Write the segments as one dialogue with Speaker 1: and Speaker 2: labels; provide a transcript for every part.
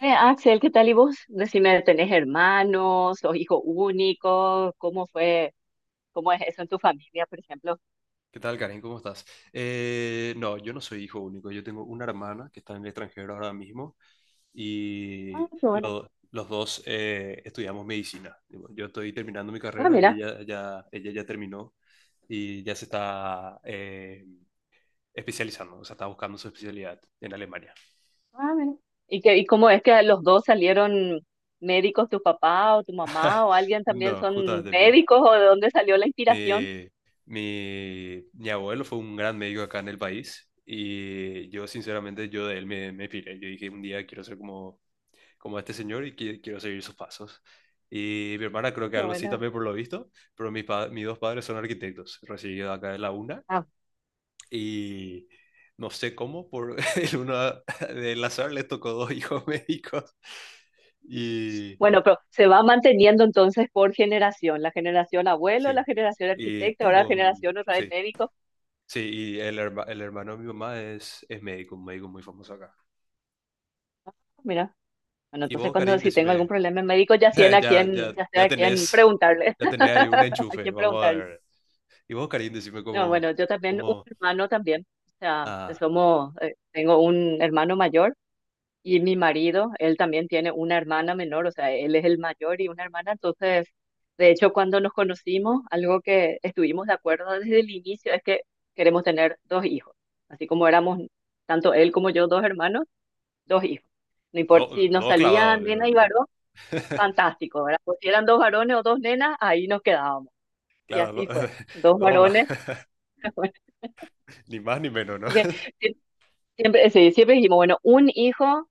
Speaker 1: Axel, ¿qué tal y vos? Decime, ¿tenés hermanos o hijo único? ¿Cómo fue? ¿Cómo es eso en tu familia, por ejemplo?
Speaker 2: ¿Qué tal, Karen? ¿Cómo estás? No, yo no soy hijo único. Yo tengo una hermana que está en el extranjero ahora mismo
Speaker 1: Ah,
Speaker 2: y
Speaker 1: qué bueno.
Speaker 2: los dos estudiamos medicina. Yo estoy terminando mi
Speaker 1: Ah,
Speaker 2: carrera,
Speaker 1: mira.
Speaker 2: ella ya, ella ya terminó y ya se está especializando, o sea, está buscando su especialidad en Alemania.
Speaker 1: Ah, mira. ¿Y cómo es que los dos salieron médicos, tu papá o tu mamá o alguien también
Speaker 2: No,
Speaker 1: son
Speaker 2: justamente.
Speaker 1: médicos o de dónde salió la inspiración?
Speaker 2: Mi, mi abuelo fue un gran médico acá en el país y yo sinceramente yo de él me piré. Yo dije un día quiero ser como, como a este señor y quiero seguir sus pasos. Y mi hermana
Speaker 1: Ah,
Speaker 2: creo que
Speaker 1: qué
Speaker 2: algo así
Speaker 1: bueno.
Speaker 2: también por lo visto, pero mis dos padres son arquitectos, recibido acá de la UNA
Speaker 1: Ah,
Speaker 2: y no sé cómo, por el uno del azar les tocó dos hijos médicos y
Speaker 1: bueno, pero se va manteniendo entonces por generación, la generación abuelo, la
Speaker 2: sí,
Speaker 1: generación
Speaker 2: y
Speaker 1: arquitecta, ahora la
Speaker 2: tengo un,
Speaker 1: generación otra vez
Speaker 2: sí,
Speaker 1: médico.
Speaker 2: sí, y el hermano de mi mamá es médico, un médico muy famoso acá.
Speaker 1: Mira. Bueno,
Speaker 2: Y
Speaker 1: entonces
Speaker 2: vos,
Speaker 1: cuando
Speaker 2: Karim,
Speaker 1: si tengo algún
Speaker 2: decime,
Speaker 1: problema médico, ya sé a
Speaker 2: ya, ya,
Speaker 1: quién, ya sé
Speaker 2: ya
Speaker 1: a quién
Speaker 2: tenés,
Speaker 1: preguntarle,
Speaker 2: ya tenés ahí un
Speaker 1: a
Speaker 2: enchufe,
Speaker 1: quién
Speaker 2: vamos a
Speaker 1: preguntarle.
Speaker 2: ver. Y vos, Karim, decime
Speaker 1: No, bueno, yo también, un
Speaker 2: como,
Speaker 1: hermano también, o sea, pues,
Speaker 2: ah,
Speaker 1: somos, tengo un hermano mayor y mi marido, él también tiene una hermana menor, o sea, él es el mayor y una hermana, entonces, de hecho, cuando nos conocimos, algo que estuvimos de acuerdo desde el inicio es que queremos tener dos hijos, así como éramos tanto él como yo dos hermanos, dos hijos. No importa
Speaker 2: do,
Speaker 1: si nos
Speaker 2: do
Speaker 1: salía
Speaker 2: clavado,
Speaker 1: nena
Speaker 2: digo,
Speaker 1: y
Speaker 2: ¿no?
Speaker 1: varón fantástico, ¿verdad? Pues si eran dos varones o dos nenas, ahí nos quedábamos. Y
Speaker 2: Claro, do,
Speaker 1: así fue. Dos
Speaker 2: do más,
Speaker 1: varones, bueno,
Speaker 2: ni más ni menos, ¿no?
Speaker 1: porque sie- siempre, sí, siempre dijimos, bueno, un hijo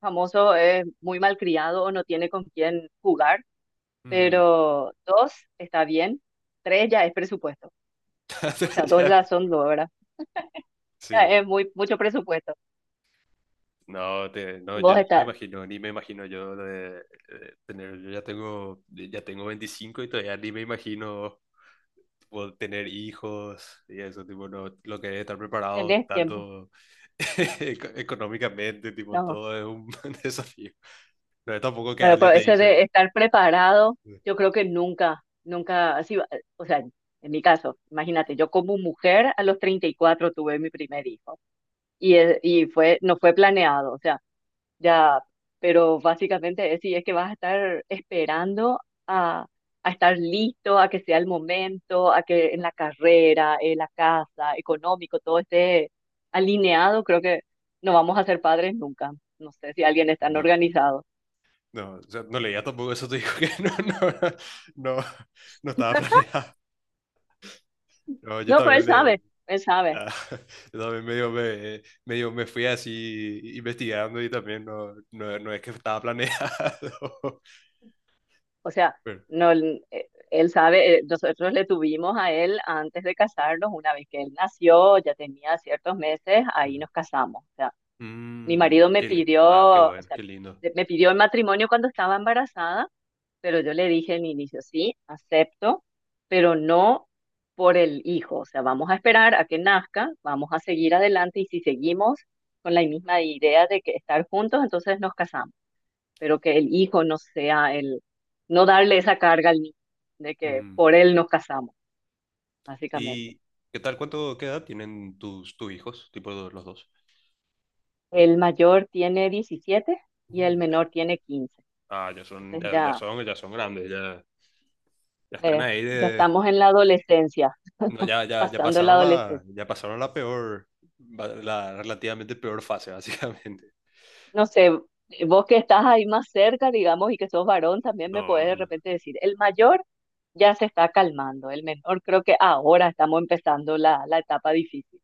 Speaker 1: famoso es muy malcriado o no tiene con quién jugar,
Speaker 2: Mm.
Speaker 1: pero dos está bien, tres ya es presupuesto. O sea, dos
Speaker 2: Ya,
Speaker 1: ya
Speaker 2: por
Speaker 1: son
Speaker 2: supuesto.
Speaker 1: dos, ¿verdad? Ya
Speaker 2: Sí.
Speaker 1: es muy, mucho presupuesto.
Speaker 2: No, yo
Speaker 1: Vos
Speaker 2: ni me
Speaker 1: está,
Speaker 2: imagino, ni me imagino yo de tener, yo ya tengo 25 y todavía ni me imagino tipo, tener hijos y eso, tipo, no, lo que es estar preparado
Speaker 1: tenés tiempo.
Speaker 2: tanto económicamente, tipo,
Speaker 1: No.
Speaker 2: todo es un desafío. No es tampoco que
Speaker 1: Bueno,
Speaker 2: Ale
Speaker 1: pero
Speaker 2: te
Speaker 1: ese
Speaker 2: dice,
Speaker 1: de estar preparado, yo creo que nunca, nunca, así, o sea, en mi caso, imagínate, yo como mujer a los 34 tuve mi primer hijo y, y fue, no fue planeado, o sea, ya, pero básicamente es, sí, es que vas a estar esperando a, a estar listo, a que sea el momento, a que en la carrera, en la casa, económico, todo esté alineado, creo que no vamos a ser padres nunca. No sé si alguien es tan
Speaker 2: no,
Speaker 1: organizado.
Speaker 2: no, o sea, no leía tampoco eso, te digo que no, no, no estaba planeado. No, yo
Speaker 1: No, pero él
Speaker 2: también.
Speaker 1: sabe, él sabe.
Speaker 2: Ah, yo también medio me fui así investigando y también no es que estaba planeado.
Speaker 1: O sea,
Speaker 2: Pero,
Speaker 1: no, él sabe, nosotros le tuvimos a él antes de casarnos, una vez que él nació, ya tenía ciertos meses, ahí
Speaker 2: ujú.
Speaker 1: nos casamos. O sea, mi
Speaker 2: Mm,
Speaker 1: marido me pidió,
Speaker 2: qué
Speaker 1: o
Speaker 2: bueno,
Speaker 1: sea,
Speaker 2: qué lindo.
Speaker 1: me pidió el matrimonio cuando estaba embarazada, pero yo le dije en inicio, sí, acepto, pero no por el hijo. O sea, vamos a esperar a que nazca, vamos a seguir adelante y si seguimos con la misma idea de que estar juntos, entonces nos casamos. Pero que el hijo no sea el, no darle esa carga al niño de que
Speaker 2: Mm,
Speaker 1: por él nos casamos, básicamente.
Speaker 2: ¿y qué tal? ¿Cuánto, qué edad tienen tus hijos? Tipo los dos.
Speaker 1: El mayor tiene 17 y el
Speaker 2: Mm, ya.
Speaker 1: menor tiene 15.
Speaker 2: Ah, ya son,
Speaker 1: Entonces ya,
Speaker 2: ya son grandes, ya, ya están ahí
Speaker 1: ya
Speaker 2: de.
Speaker 1: estamos en la adolescencia,
Speaker 2: No,
Speaker 1: pasando la adolescencia.
Speaker 2: ya pasaron la peor, la relativamente peor fase, básicamente.
Speaker 1: No sé, vos que estás ahí más cerca, digamos, y que sos varón, también me podés
Speaker 2: No,
Speaker 1: de
Speaker 2: no.
Speaker 1: repente decir, el mayor ya se está calmando, el menor creo que ahora estamos empezando la, la etapa difícil,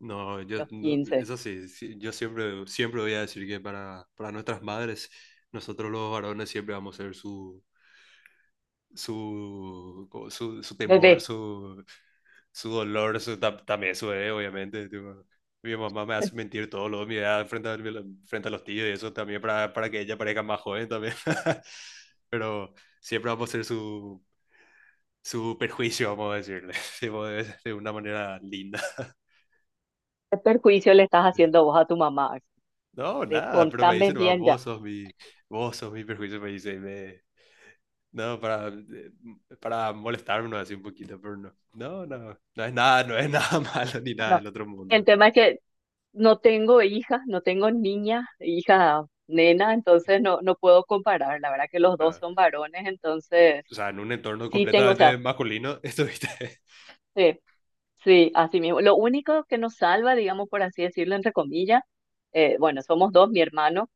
Speaker 2: No, yo,
Speaker 1: los
Speaker 2: no,
Speaker 1: 15.
Speaker 2: eso sí, sí, yo siempre voy a decir que para nuestras madres, nosotros los varones siempre vamos a ser su, su temor,
Speaker 1: Bebé.
Speaker 2: su dolor, también su bebé, obviamente, tipo, mi mamá me hace mentir todo lo de mi edad frente a los tíos y eso también para que ella parezca más joven también. Pero siempre vamos a ser su perjuicio, vamos a decirle, tipo, de una manera linda.
Speaker 1: ¿Qué perjuicio le estás haciendo vos a tu mamá?
Speaker 2: No, nada, pero me
Speaker 1: Contame
Speaker 2: dice nomás,
Speaker 1: bien ya.
Speaker 2: vos sos mi perjuicio, me dice, y me, no, para molestarme no, así un poquito, pero no es nada, no es nada malo ni nada
Speaker 1: No.
Speaker 2: del otro mundo,
Speaker 1: El
Speaker 2: no,
Speaker 1: tema es que no tengo hijas, no tengo niña, hija, nena, entonces no, no puedo comparar. La verdad que los dos
Speaker 2: no.
Speaker 1: son varones, entonces
Speaker 2: O sea, en un entorno
Speaker 1: sí tengo, o
Speaker 2: completamente
Speaker 1: sea,
Speaker 2: masculino estuviste.
Speaker 1: sí, sí, así mismo. Lo único que nos salva, digamos, por así decirlo, entre comillas, bueno, somos dos, mi hermano,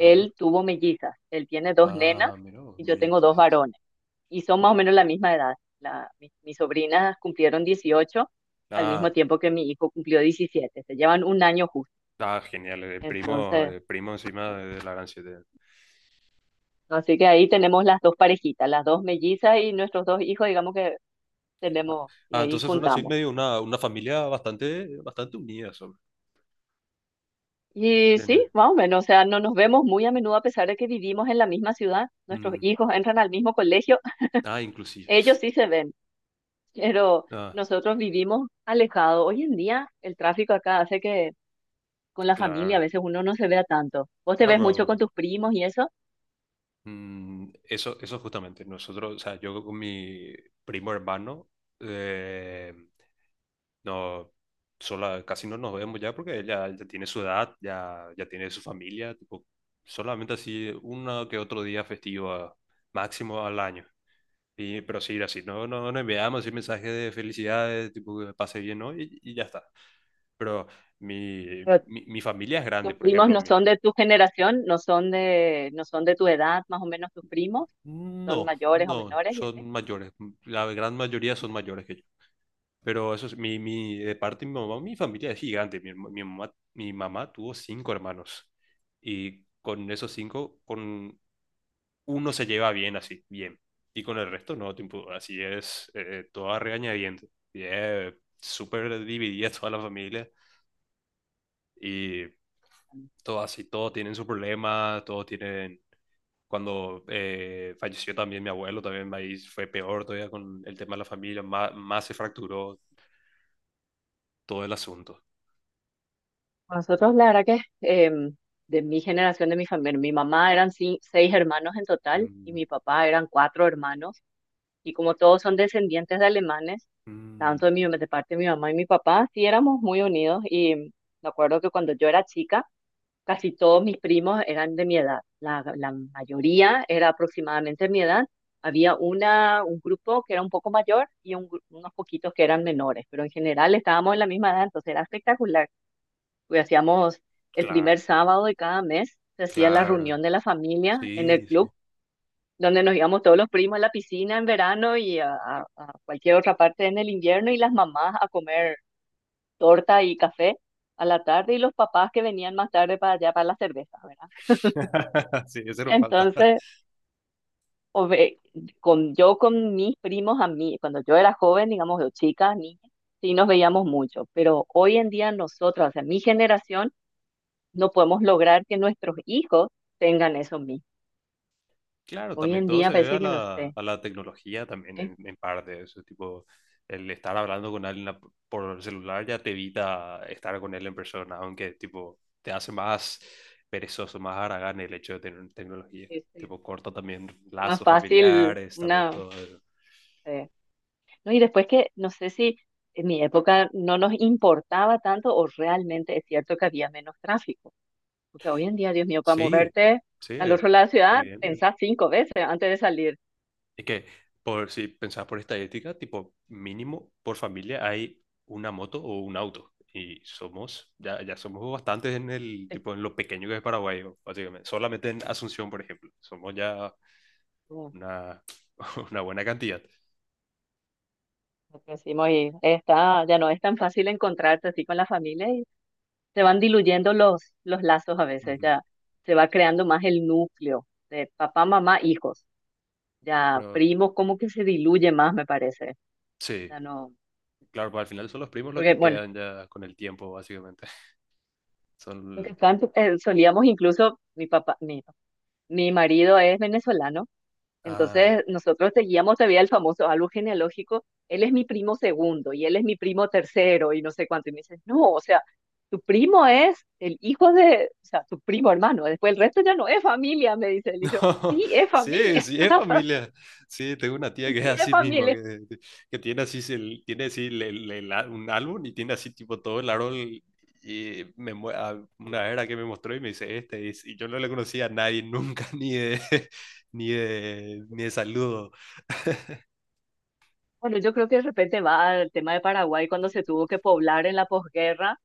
Speaker 2: Ujú.
Speaker 1: tuvo mellizas, él tiene dos nenas
Speaker 2: Ah, mira, vos,
Speaker 1: y yo
Speaker 2: mira,
Speaker 1: tengo dos
Speaker 2: Jesus.
Speaker 1: varones. Y son más o menos la misma edad. La, mi- mis sobrinas cumplieron 18 al mismo
Speaker 2: Ah,
Speaker 1: tiempo que mi hijo cumplió 17. Se llevan un año justo.
Speaker 2: ah, genial,
Speaker 1: Entonces,
Speaker 2: primo encima de la gran siete.
Speaker 1: así que ahí tenemos las dos parejitas, las dos mellizas y nuestros dos hijos, digamos que tenemos, y
Speaker 2: Ah,
Speaker 1: ahí
Speaker 2: entonces son así
Speaker 1: juntamos.
Speaker 2: medio una familia bastante, bastante unida, son.
Speaker 1: Y
Speaker 2: Bien. Eh.
Speaker 1: sí, más o menos, o sea, no nos vemos muy a menudo a pesar de que vivimos en la misma ciudad. Nuestros
Speaker 2: Mm.
Speaker 1: hijos entran al mismo colegio,
Speaker 2: Ah, inclusive.
Speaker 1: ellos sí se ven, pero
Speaker 2: Ah,
Speaker 1: nosotros vivimos alejados. Hoy en día el tráfico acá hace que con la familia, a
Speaker 2: claro.
Speaker 1: veces uno no se vea tanto. ¿Vos te
Speaker 2: Claro,
Speaker 1: ves mucho con
Speaker 2: pero
Speaker 1: tus primos y eso?
Speaker 2: mm, eso justamente. Nosotros, o sea, yo con mi primo hermano, eh, no, sola, casi no nos vemos ya porque ella ya tiene su edad, ya, ya tiene su familia, tipo, solamente así uno que otro día festivo máximo al año. Y, pero sí, así, no enviamos así mensajes de felicidades, tipo, que me pase bien, ¿no? Y ya está. Pero
Speaker 1: Pero
Speaker 2: mi familia es grande,
Speaker 1: ¿tus
Speaker 2: por
Speaker 1: primos
Speaker 2: ejemplo,
Speaker 1: no
Speaker 2: mi.
Speaker 1: son de tu generación, no son de, no son de tu edad, más o menos tus primos? ¿Son
Speaker 2: No,
Speaker 1: mayores o
Speaker 2: no,
Speaker 1: menores y así?
Speaker 2: son mayores. La gran mayoría son mayores que yo. Pero eso es, mi, de parte de mi mamá, mi familia es gigante. Mi mamá tuvo 5 hermanos. Y con esos 5, con uno se lleva bien así, bien. Y con el resto no, tipo, así es, toda regañadientes. Y es súper dividida toda la familia. Y todo así, todo tienen su problema, todos tienen... Cuando falleció también mi abuelo, también ahí fue peor todavía con el tema de la familia, más, más se fracturó todo el asunto.
Speaker 1: Nosotros, la verdad que em, de mi generación, de mi familia, mi mamá eran seis hermanos en total y
Speaker 2: Mm,
Speaker 1: mi papá eran cuatro hermanos. Y como todos son descendientes de alemanes,
Speaker 2: mm,
Speaker 1: tanto de, mi, de parte de mi mamá y mi papá, sí éramos muy unidos. Y me acuerdo que cuando yo era chica, casi todos mis primos eran de mi edad, la mayoría era aproximadamente mi edad. Había un grupo que era un poco mayor y unos poquitos que eran menores, pero en general estábamos en la misma edad, entonces era espectacular. Pues hacíamos el
Speaker 2: claro,
Speaker 1: primer sábado de cada mes, se hacía la
Speaker 2: claro,
Speaker 1: reunión de la familia en el
Speaker 2: sí, sí.
Speaker 1: club, donde nos íbamos todos los primos a la piscina en verano y a cualquier otra parte en el invierno y las mamás a comer torta y café a la tarde y los papás que venían más tarde para allá para la cerveza, ¿verdad?
Speaker 2: Sí, ese nos falta.
Speaker 1: Entonces, o ve- con, yo con mis primos, a mí, cuando yo era joven, digamos, yo chica, niña, sí nos veíamos mucho, pero hoy en día nosotros, o sea, mi generación, no podemos lograr que nuestros hijos tengan eso mismo.
Speaker 2: Claro,
Speaker 1: Hoy
Speaker 2: también
Speaker 1: en
Speaker 2: todo
Speaker 1: día
Speaker 2: se debe a
Speaker 1: parece que no sé,
Speaker 2: a la tecnología también
Speaker 1: es,
Speaker 2: en parte. Eso, tipo, el estar hablando con alguien por el celular ya te evita estar con él en persona, aunque tipo te hace más perezoso, más haragán el hecho de tener tecnología.
Speaker 1: es
Speaker 2: Tipo, corta también
Speaker 1: más
Speaker 2: lazos
Speaker 1: fácil
Speaker 2: familiares, también
Speaker 1: una...
Speaker 2: todo eso.
Speaker 1: eh, no, y después que, no sé si en mi época no nos importaba tanto o realmente es cierto que había menos tráfico. Porque hoy en día, Dios mío, para
Speaker 2: Sí,
Speaker 1: moverte al
Speaker 2: sí,
Speaker 1: otro lado de la ciudad,
Speaker 2: evidentemente.
Speaker 1: pensás cinco veces antes de salir.
Speaker 2: Es que, por, si pensás por estadística, tipo, mínimo por familia hay una moto o un auto. Y somos, ya, ya somos bastantes en el,
Speaker 1: Sí.
Speaker 2: tipo, en lo pequeño que es Paraguay, básicamente. Solamente en Asunción, por ejemplo. Somos ya
Speaker 1: Mm,
Speaker 2: una una buena cantidad.
Speaker 1: lo que decimos, y está, ya no es tan fácil encontrarse así con la familia y se van diluyendo los lazos a veces,
Speaker 2: Ujú.
Speaker 1: ya se va creando más el núcleo de papá, mamá, hijos, ya
Speaker 2: Pero
Speaker 1: primos, como que se diluye más, me parece.
Speaker 2: sí,
Speaker 1: Ya no,
Speaker 2: claro, pues al final son los primos los
Speaker 1: porque
Speaker 2: que
Speaker 1: bueno,
Speaker 2: quedan ya con el tiempo, básicamente.
Speaker 1: lo que
Speaker 2: Son,
Speaker 1: están, solíamos incluso, mi papá, mi marido es venezolano.
Speaker 2: ah,
Speaker 1: Entonces, nosotros seguíamos todavía el famoso árbol genealógico, él es mi primo segundo y él es mi primo tercero y no sé cuánto. Y me dicen, no, o sea, tu primo es el hijo de, o sea, tu primo hermano, después el resto ya no es familia, me dice él. Y yo, sí, es
Speaker 2: sí,
Speaker 1: familia,
Speaker 2: sí, es familia. Sí, tengo una tía que es
Speaker 1: sí, es
Speaker 2: así mismo,
Speaker 1: familia.
Speaker 2: que tiene así, tiene así un álbum y tiene así tipo todo el árbol y una era que me mostró y me dice, este es, y yo no le conocía a nadie nunca, ni de, ni de saludo.
Speaker 1: Bueno, yo creo que de repente va al tema de Paraguay cuando se tuvo que poblar en la posguerra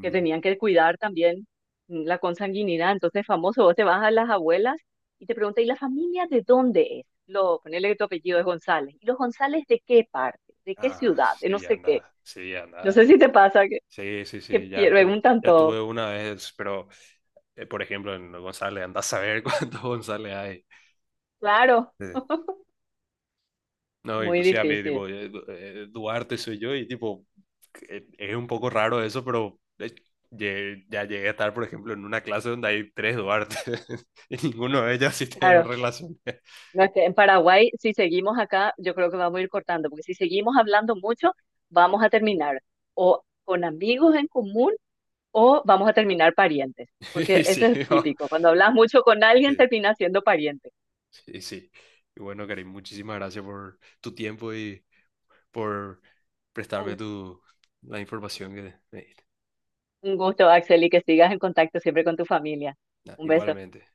Speaker 1: que tenían que cuidar también la consanguinidad. Entonces, famoso, vos te vas a las abuelas y te preguntas, ¿y la familia de dónde es? Lo, ponele que tu apellido es González. ¿Y los González de qué parte? ¿De qué
Speaker 2: ah,
Speaker 1: ciudad? De no
Speaker 2: sí, ya
Speaker 1: sé qué.
Speaker 2: nada, sí, ya
Speaker 1: No sé
Speaker 2: nada.
Speaker 1: si te pasa
Speaker 2: Sí, sí, sí,
Speaker 1: que
Speaker 2: ya, ya,
Speaker 1: preguntan
Speaker 2: ya
Speaker 1: todo.
Speaker 2: tuve una vez, pero, por ejemplo, en González, andás a saber cuántos González hay.
Speaker 1: Claro,
Speaker 2: Sí. No,
Speaker 1: muy
Speaker 2: inclusive a mí,
Speaker 1: difícil.
Speaker 2: tipo, Duarte soy yo y, tipo, es un poco raro eso, pero ya llegué a estar, por ejemplo, en una clase donde hay 3 Duarte y ninguno de ellos sí tengo
Speaker 1: Claro.
Speaker 2: relación.
Speaker 1: No, es que en Paraguay, si seguimos acá, yo creo que vamos a ir cortando, porque si seguimos hablando mucho, vamos a terminar o con amigos en común o vamos a terminar parientes,
Speaker 2: Y
Speaker 1: porque eso
Speaker 2: sí,
Speaker 1: es
Speaker 2: no,
Speaker 1: típico. Cuando hablas mucho con alguien,
Speaker 2: sí,
Speaker 1: terminas siendo pariente.
Speaker 2: sí, sí. Y bueno, Karim, muchísimas gracias por tu tiempo y por prestarme
Speaker 1: Un
Speaker 2: tu, la información que me diste.
Speaker 1: un gusto, Axel, y que sigas en contacto siempre con tu familia.
Speaker 2: Nada,
Speaker 1: Un beso.
Speaker 2: igualmente.